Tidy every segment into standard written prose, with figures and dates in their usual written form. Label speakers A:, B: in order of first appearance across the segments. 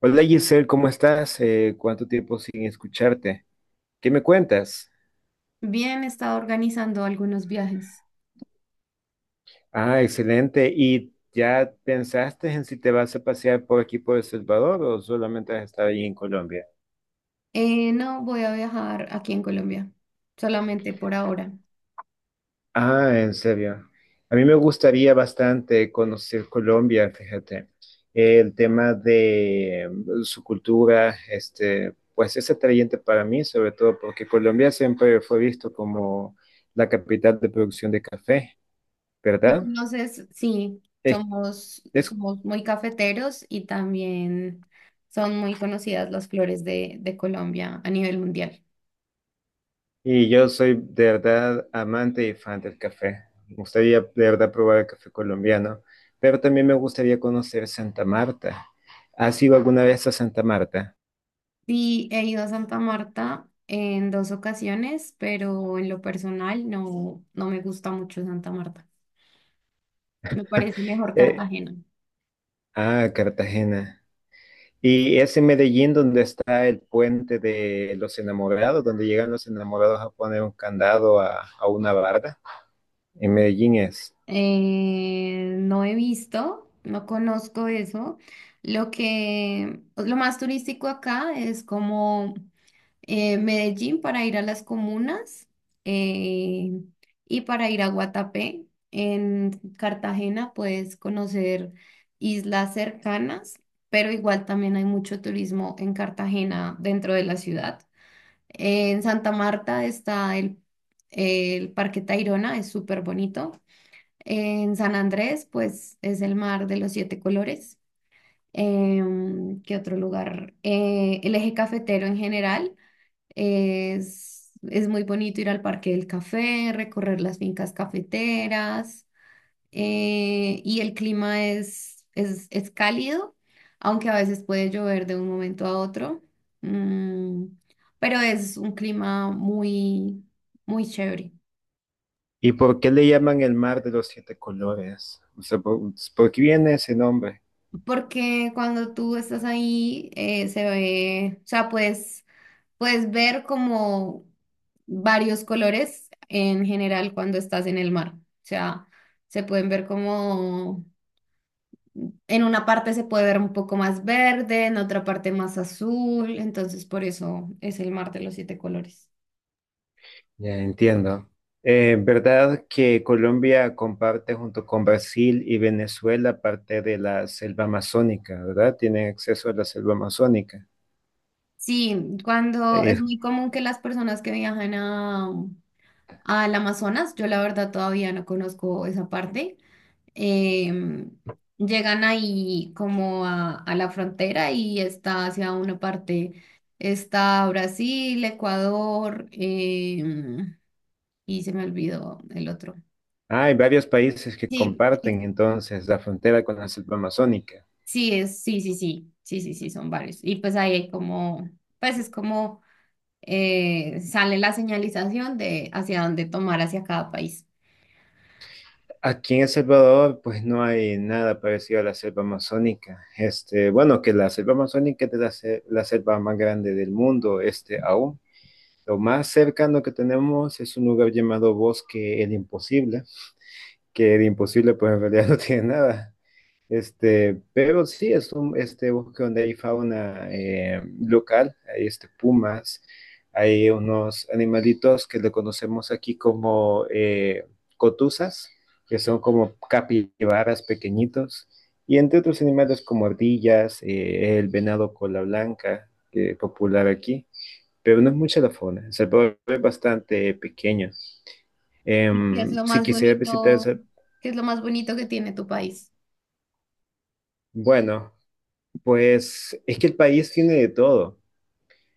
A: Hola Giselle, ¿cómo estás? ¿Cuánto tiempo sin escucharte? ¿Qué me cuentas?
B: Bien, he estado organizando algunos viajes.
A: Ah, excelente. ¿Y ya pensaste en si te vas a pasear por aquí por El Salvador o solamente has estado ahí en Colombia?
B: No voy a viajar aquí en Colombia, solamente por ahora.
A: Ah, en serio. A mí me gustaría bastante conocer Colombia, fíjate. El tema de su cultura, este, pues es atrayente para mí, sobre todo porque Colombia siempre fue visto como la capital de producción de café,
B: ¿Me
A: ¿verdad?
B: conoces? Sí,
A: Es,
B: somos,
A: es
B: somos muy cafeteros y también son muy conocidas las flores de Colombia a nivel mundial.
A: Y yo soy de verdad amante y fan del café. Me gustaría de verdad probar el café colombiano, pero también me gustaría conocer Santa Marta. ¿Has ido alguna vez a Santa Marta?
B: Sí, he ido a Santa Marta en dos ocasiones, pero en lo personal no me gusta mucho Santa Marta. Me parece mejor
A: Eh,
B: Cartagena.
A: ah, Cartagena. Y es en Medellín donde está el puente de los enamorados, donde llegan los enamorados a poner un candado a una barda. En Medellín es.
B: No he visto, no conozco eso. Lo que, pues, lo más turístico acá es como Medellín para ir a las comunas eh, y para ir a Guatapé. En Cartagena puedes conocer islas cercanas, pero igual también hay mucho turismo en Cartagena dentro de la ciudad. En Santa Marta está el Parque Tayrona, es súper bonito. En San Andrés, pues es el mar de los siete colores. ¿Qué otro lugar? El eje cafetero en general es muy bonito ir al Parque del Café, recorrer las fincas cafeteras y el clima es cálido, aunque a veces puede llover de un momento a otro, Mm, pero es un clima muy, muy chévere.
A: ¿Y por qué le llaman el mar de los siete colores? O sea, por qué viene ese nombre?
B: Porque cuando tú estás ahí, se ve, o sea, puedes ver como varios colores en general cuando estás en el mar. O sea, se pueden ver como, en una parte se puede ver un poco más verde, en otra parte más azul, entonces por eso es el mar de los siete colores.
A: Ya entiendo. ¿Verdad que Colombia comparte junto con Brasil y Venezuela parte de la selva amazónica? ¿Verdad? Tiene acceso a la selva amazónica.
B: Sí, cuando es
A: Eh,
B: muy común que las personas que viajan al Amazonas, yo la verdad todavía no conozco esa parte eh, llegan ahí como a la frontera y está hacia una parte, está Brasil, Ecuador, y se me olvidó el otro.
A: Hay varios países que
B: Sí,
A: comparten entonces la frontera con la selva amazónica.
B: sí, sí, sí, sí, sí, sí, sí, son varios. Y pues ahí hay como, pues es como sale la señalización de hacia dónde tomar hacia cada país.
A: Aquí en El Salvador, pues no hay nada parecido a la selva amazónica. Este, bueno, que la selva amazónica es la selva más grande del mundo, este aún. Lo más cercano que tenemos es un lugar llamado Bosque El Imposible, que de imposible pues en realidad no tiene nada. Este, pero sí, es un este, bosque donde hay fauna local, hay este, pumas, hay unos animalitos que le conocemos aquí como cotuzas, que son como capibaras pequeñitos, y entre otros animales como ardillas, el venado cola blanca, que es popular aquí, pero no es mucha la fauna. El Salvador es bastante pequeño.
B: ¿Y qué es lo
A: Si
B: más
A: quisiera visitar,
B: bonito? ¿Qué es lo más bonito que tiene tu país?
A: Bueno, pues es que el país tiene de todo.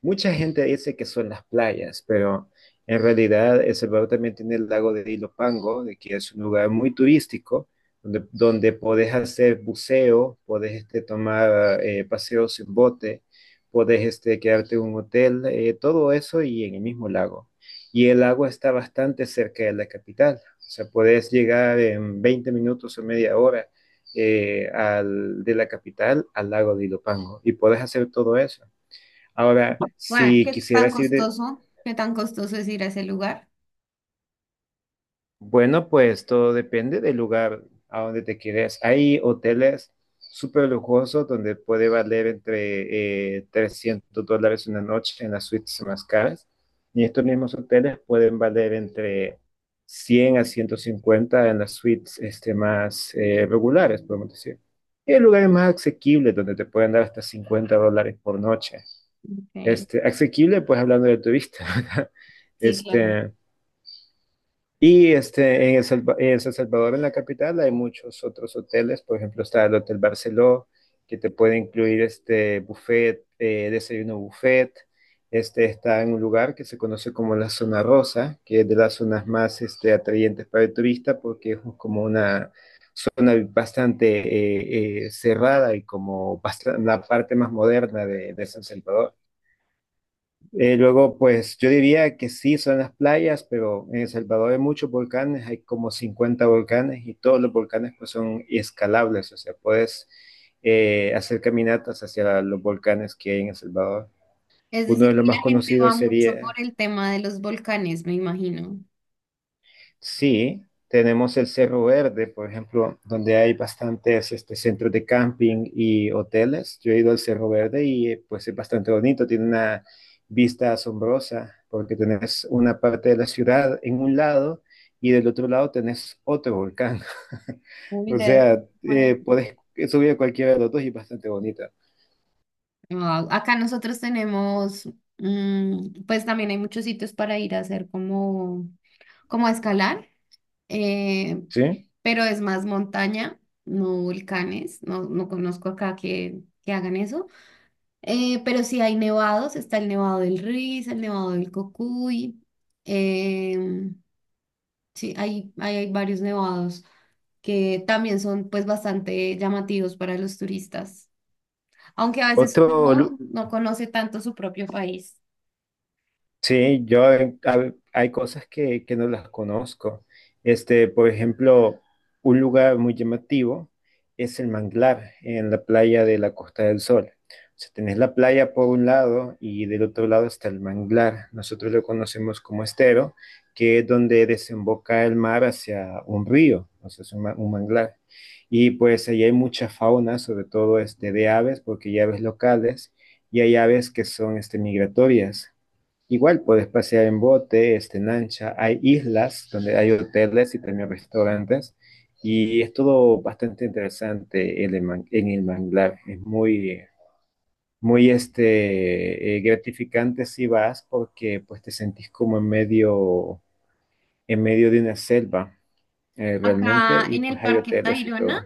A: Mucha gente dice que son las playas, pero en realidad El Salvador también tiene el lago de Ilopango, de que es un lugar muy turístico, donde, podés hacer buceo, podés este, tomar paseos en bote, podés este, quedarte en un hotel, todo eso y en el mismo lago. Y el lago está bastante cerca de la capital, o sea, podés llegar en 20 minutos o media hora de la capital al lago de Ilopango y podés hacer todo eso. Ahora,
B: Bueno,
A: si
B: ¿qué tan
A: quisieras ir
B: costoso? ¿Qué tan costoso es ir a ese lugar?
A: bueno, pues todo depende del lugar a donde te quieres. Hay hoteles súper lujosos donde puede valer entre $300 una noche en las suites más caras. Y estos mismos hoteles pueden valer entre 100 a 150 en las suites este, más regulares, podemos decir. Y hay lugares más asequibles donde te pueden dar hasta $50 por noche.
B: Ok.
A: Este, asequible, pues hablando del turista, ¿verdad?
B: Sí, claro.
A: Este, y este, en en San Salvador, en la capital, hay muchos otros hoteles. Por ejemplo, está el Hotel Barceló, que te puede incluir este buffet, desayuno buffet. Este está en un lugar que se conoce como la Zona Rosa, que es de las zonas más este, atrayentes para el turista, porque es como una zona bastante cerrada y la parte más moderna de San Salvador. Luego, pues yo diría que sí son las playas, pero en El Salvador hay muchos volcanes, hay como 50 volcanes y todos los volcanes pues son escalables, o sea, puedes hacer caminatas hacia los volcanes que hay en El Salvador.
B: Es
A: Uno
B: decir,
A: de los
B: que
A: más
B: la gente va
A: conocidos
B: mucho por
A: sería.
B: el tema de los volcanes, me imagino.
A: Sí, tenemos el Cerro Verde, por ejemplo, donde hay bastantes este, centros de camping y hoteles. Yo he ido al Cerro Verde y pues es bastante bonito, tiene una vista asombrosa porque tenés una parte de la ciudad en un lado y del otro lado tenés otro volcán.
B: Uy,
A: O
B: debe ser
A: sea,
B: bonito.
A: podés subir a cualquiera de los dos y es bastante bonito.
B: Wao, acá nosotros tenemos, pues también hay muchos sitios para ir a hacer como, a escalar, eh,
A: ¿Sí?
B: pero es más montaña, no volcanes. No, no conozco acá que hagan eso. Pero sí hay nevados, está el nevado del Riz, el nevado del Cocuy. em, sí, hay varios nevados que también son pues bastante llamativos para los turistas, aunque a veces
A: Otro
B: uno
A: lu-
B: no conoce tanto su propio país.
A: Sí, yo hay cosas que, no las conozco. Este, por ejemplo, un lugar muy llamativo es el manglar en la playa de la Costa del Sol. O sea, tenés la playa por un lado y del otro lado está el manglar. Nosotros lo conocemos como estero, que es donde desemboca el mar hacia un río, o sea, es un manglar. Y pues ahí hay mucha fauna, sobre todo este, de aves, porque hay aves locales y hay aves que son este, migratorias. Igual puedes pasear en bote, este, en lancha. Hay islas donde hay hoteles y también restaurantes. Y es todo bastante interesante en en el manglar. Es muy, muy este, gratificante si vas porque pues, te sentís como en medio de una selva realmente.
B: Acá
A: Y
B: en
A: pues
B: el
A: hay
B: Parque
A: hoteles y todo.
B: Tayrona,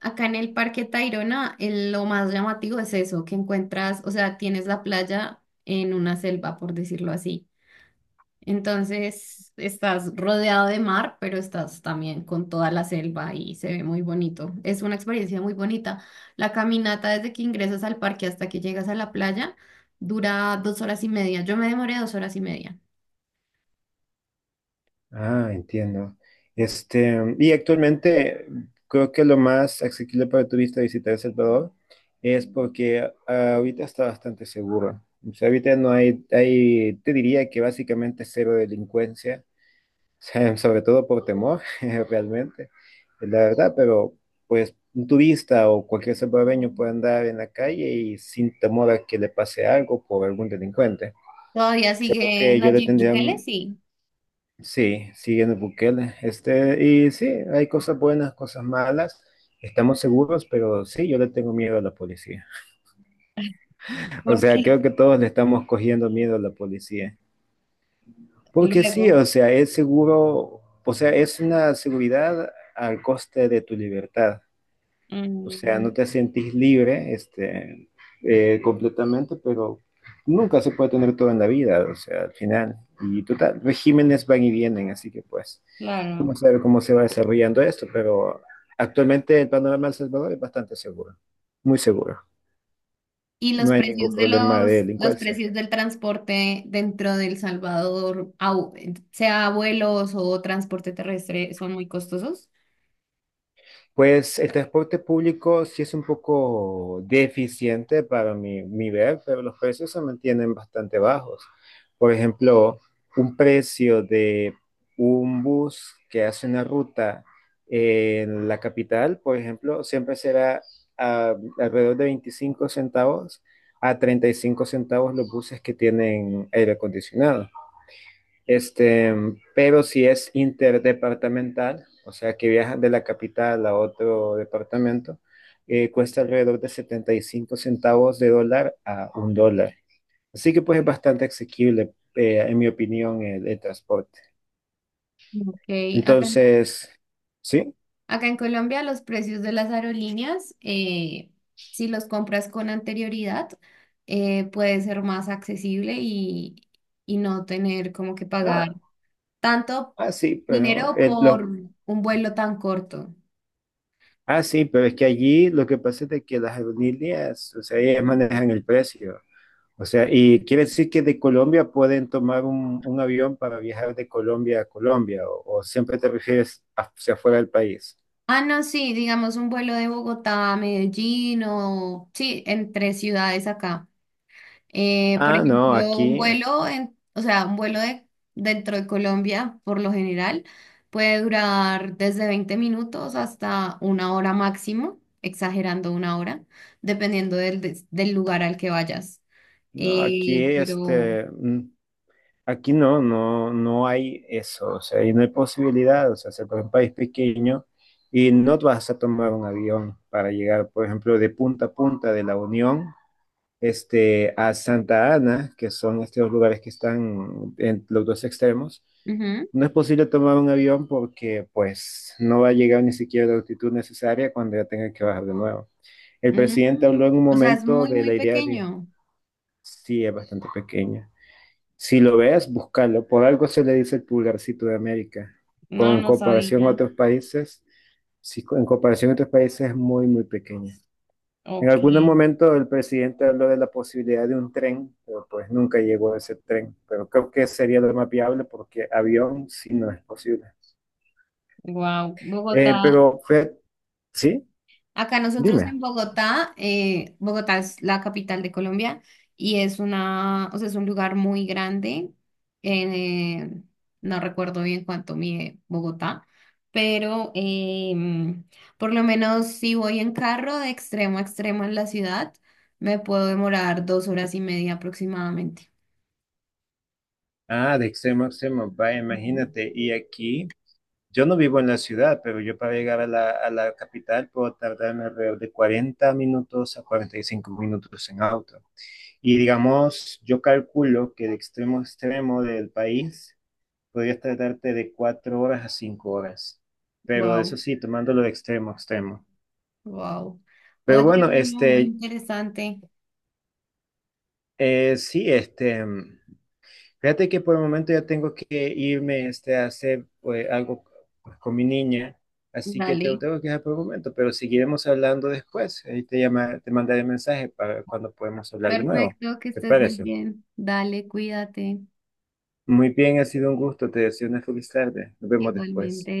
B: acá en el Parque Tayrona, lo más llamativo es eso, que encuentras, o sea, tienes la playa en una selva, por decirlo así. Entonces estás rodeado de mar, pero estás también con toda la selva y se ve muy bonito. Es una experiencia muy bonita. La caminata desde que ingresas al parque hasta que llegas a la playa dura 2 horas y media. Yo me demoré 2 horas y media.
A: Ah, entiendo. Este, y actualmente creo que lo más asequible para turista visitar El Salvador es porque ahorita está bastante seguro. O sea, ahorita no hay, te diría que básicamente cero delincuencia, o sea, sobre todo por temor, realmente, es la verdad, pero pues un turista o cualquier salvadoreño puede andar en la calle y sin temor a que le pase algo por algún delincuente.
B: Todavía
A: Creo
B: sigue
A: que yo le
B: Nayib
A: tendría.
B: Bukele, sí.
A: Sí, siguiendo Bukele. Este, y sí, hay cosas buenas, cosas malas. Estamos seguros, pero sí, yo le tengo miedo a la policía. O
B: ¿Por
A: sea,
B: qué?
A: creo que todos le estamos cogiendo miedo a la policía. Porque sí,
B: Luego.
A: o sea, es seguro, o sea, es una seguridad al coste de tu libertad. O sea, no
B: Mm,
A: te sentís libre, este, completamente, pero nunca se puede tener todo en la vida, o sea, al final. Y total, regímenes van y vienen, así que pues,
B: claro.
A: vamos a ver cómo se va desarrollando esto, pero actualmente el panorama del Salvador es bastante seguro, muy seguro.
B: Y
A: No
B: los
A: hay
B: precios
A: ningún
B: de
A: problema de
B: los
A: delincuencia.
B: precios del transporte dentro de El Salvador, sea vuelos o transporte terrestre, son muy costosos.
A: Pues el transporte público sí es un poco deficiente para mi ver, pero los precios se mantienen bastante bajos. Por ejemplo, un precio de un bus que hace una ruta en la capital, por ejemplo, siempre será alrededor de 25 centavos a 35 centavos los buses que tienen aire acondicionado. Este, pero si es interdepartamental, o sea que viajan de la capital a otro departamento, cuesta alrededor de 75 centavos de dólar a $1. Así que pues es bastante asequible, en mi opinión, el transporte.
B: Ok, acá,
A: Entonces, sí.
B: acá en Colombia los precios de las aerolíneas, si los compras con anterioridad, puede ser más accesible y no tener como que
A: ah,
B: pagar tanto
A: sí, pero
B: dinero por un vuelo tan corto.
A: ah, sí, pero es que allí lo que pasa es de que las aerolíneas, o sea, ellas manejan el precio. O sea, y quiere decir que de Colombia pueden tomar un avión para viajar de Colombia a Colombia, o siempre te refieres hacia afuera del país.
B: Ah, no, sí, digamos un vuelo de Bogotá a Medellín o sí, entre ciudades acá. Por
A: Ah, no,
B: ejemplo, un
A: aquí,
B: vuelo en, o sea, un vuelo de dentro de Colombia, por lo general, puede durar desde 20 minutos hasta una hora máximo, exagerando una hora, dependiendo del lugar al que vayas. Pero,
A: este, aquí no hay eso, o sea, y no hay posibilidad, o sea, se por un país pequeño y no vas a tomar un avión para llegar, por ejemplo, de punta a punta de la Unión, este, a Santa Ana, que son estos lugares que están en los dos extremos,
B: ujú,
A: no es posible tomar un avión porque pues no va a llegar ni siquiera a la altitud necesaria cuando ya tenga que bajar de nuevo. El presidente
B: mm,
A: habló en un
B: o sea, es
A: momento
B: muy,
A: de
B: muy
A: la idea de.
B: pequeño.
A: Sí, es bastante pequeña. Si lo ves, búscalo. Por algo se le dice el pulgarcito de América. Con
B: No,
A: En
B: no
A: comparación a
B: sabía.
A: otros países, sí, en comparación a otros países es muy, muy pequeña. En
B: Ok,
A: algún momento el presidente habló de la posibilidad de un tren, pero pues nunca llegó a ese tren. Pero creo que sería lo más viable porque avión sí no es posible.
B: wow. Bogotá
A: Pero Fred, sí,
B: Acá nosotros
A: dime.
B: en Bogotá, Bogotá es la capital de Colombia y es una, o sea, es un lugar muy grande. eh, no recuerdo bien cuánto mide Bogotá, pero em, por lo menos si voy en carro de extremo a extremo en la ciudad, me puedo demorar 2 horas y media aproximadamente.
A: Ah, de extremo a extremo, vaya,
B: Ujú.
A: imagínate. Y aquí, yo no vivo en la ciudad, pero yo para llegar a la, capital puedo tardarme alrededor de 40 minutos a 45 minutos en auto. Y digamos, yo calculo que de extremo a extremo del país podrías tardarte de 4 horas a 5 horas. Pero eso
B: Wow,
A: sí, tomándolo de extremo a extremo.
B: wow.
A: Pero
B: Oye,
A: bueno,
B: bueno, muy
A: este,
B: interesante.
A: sí, este, fíjate que por el momento ya tengo que irme, este, a hacer pues, algo pues, con mi niña. Así que te
B: Dale.
A: tengo que dejar por el momento, pero seguiremos hablando después. Ahí te llama, te mandaré mensaje para cuando podemos hablar de nuevo.
B: Perfecto, que
A: ¿Te
B: estés muy
A: parece?
B: bien. Dale, cuídate.
A: Muy bien, ha sido un gusto. Te deseo una feliz tarde. Nos vemos después.
B: Igualmente.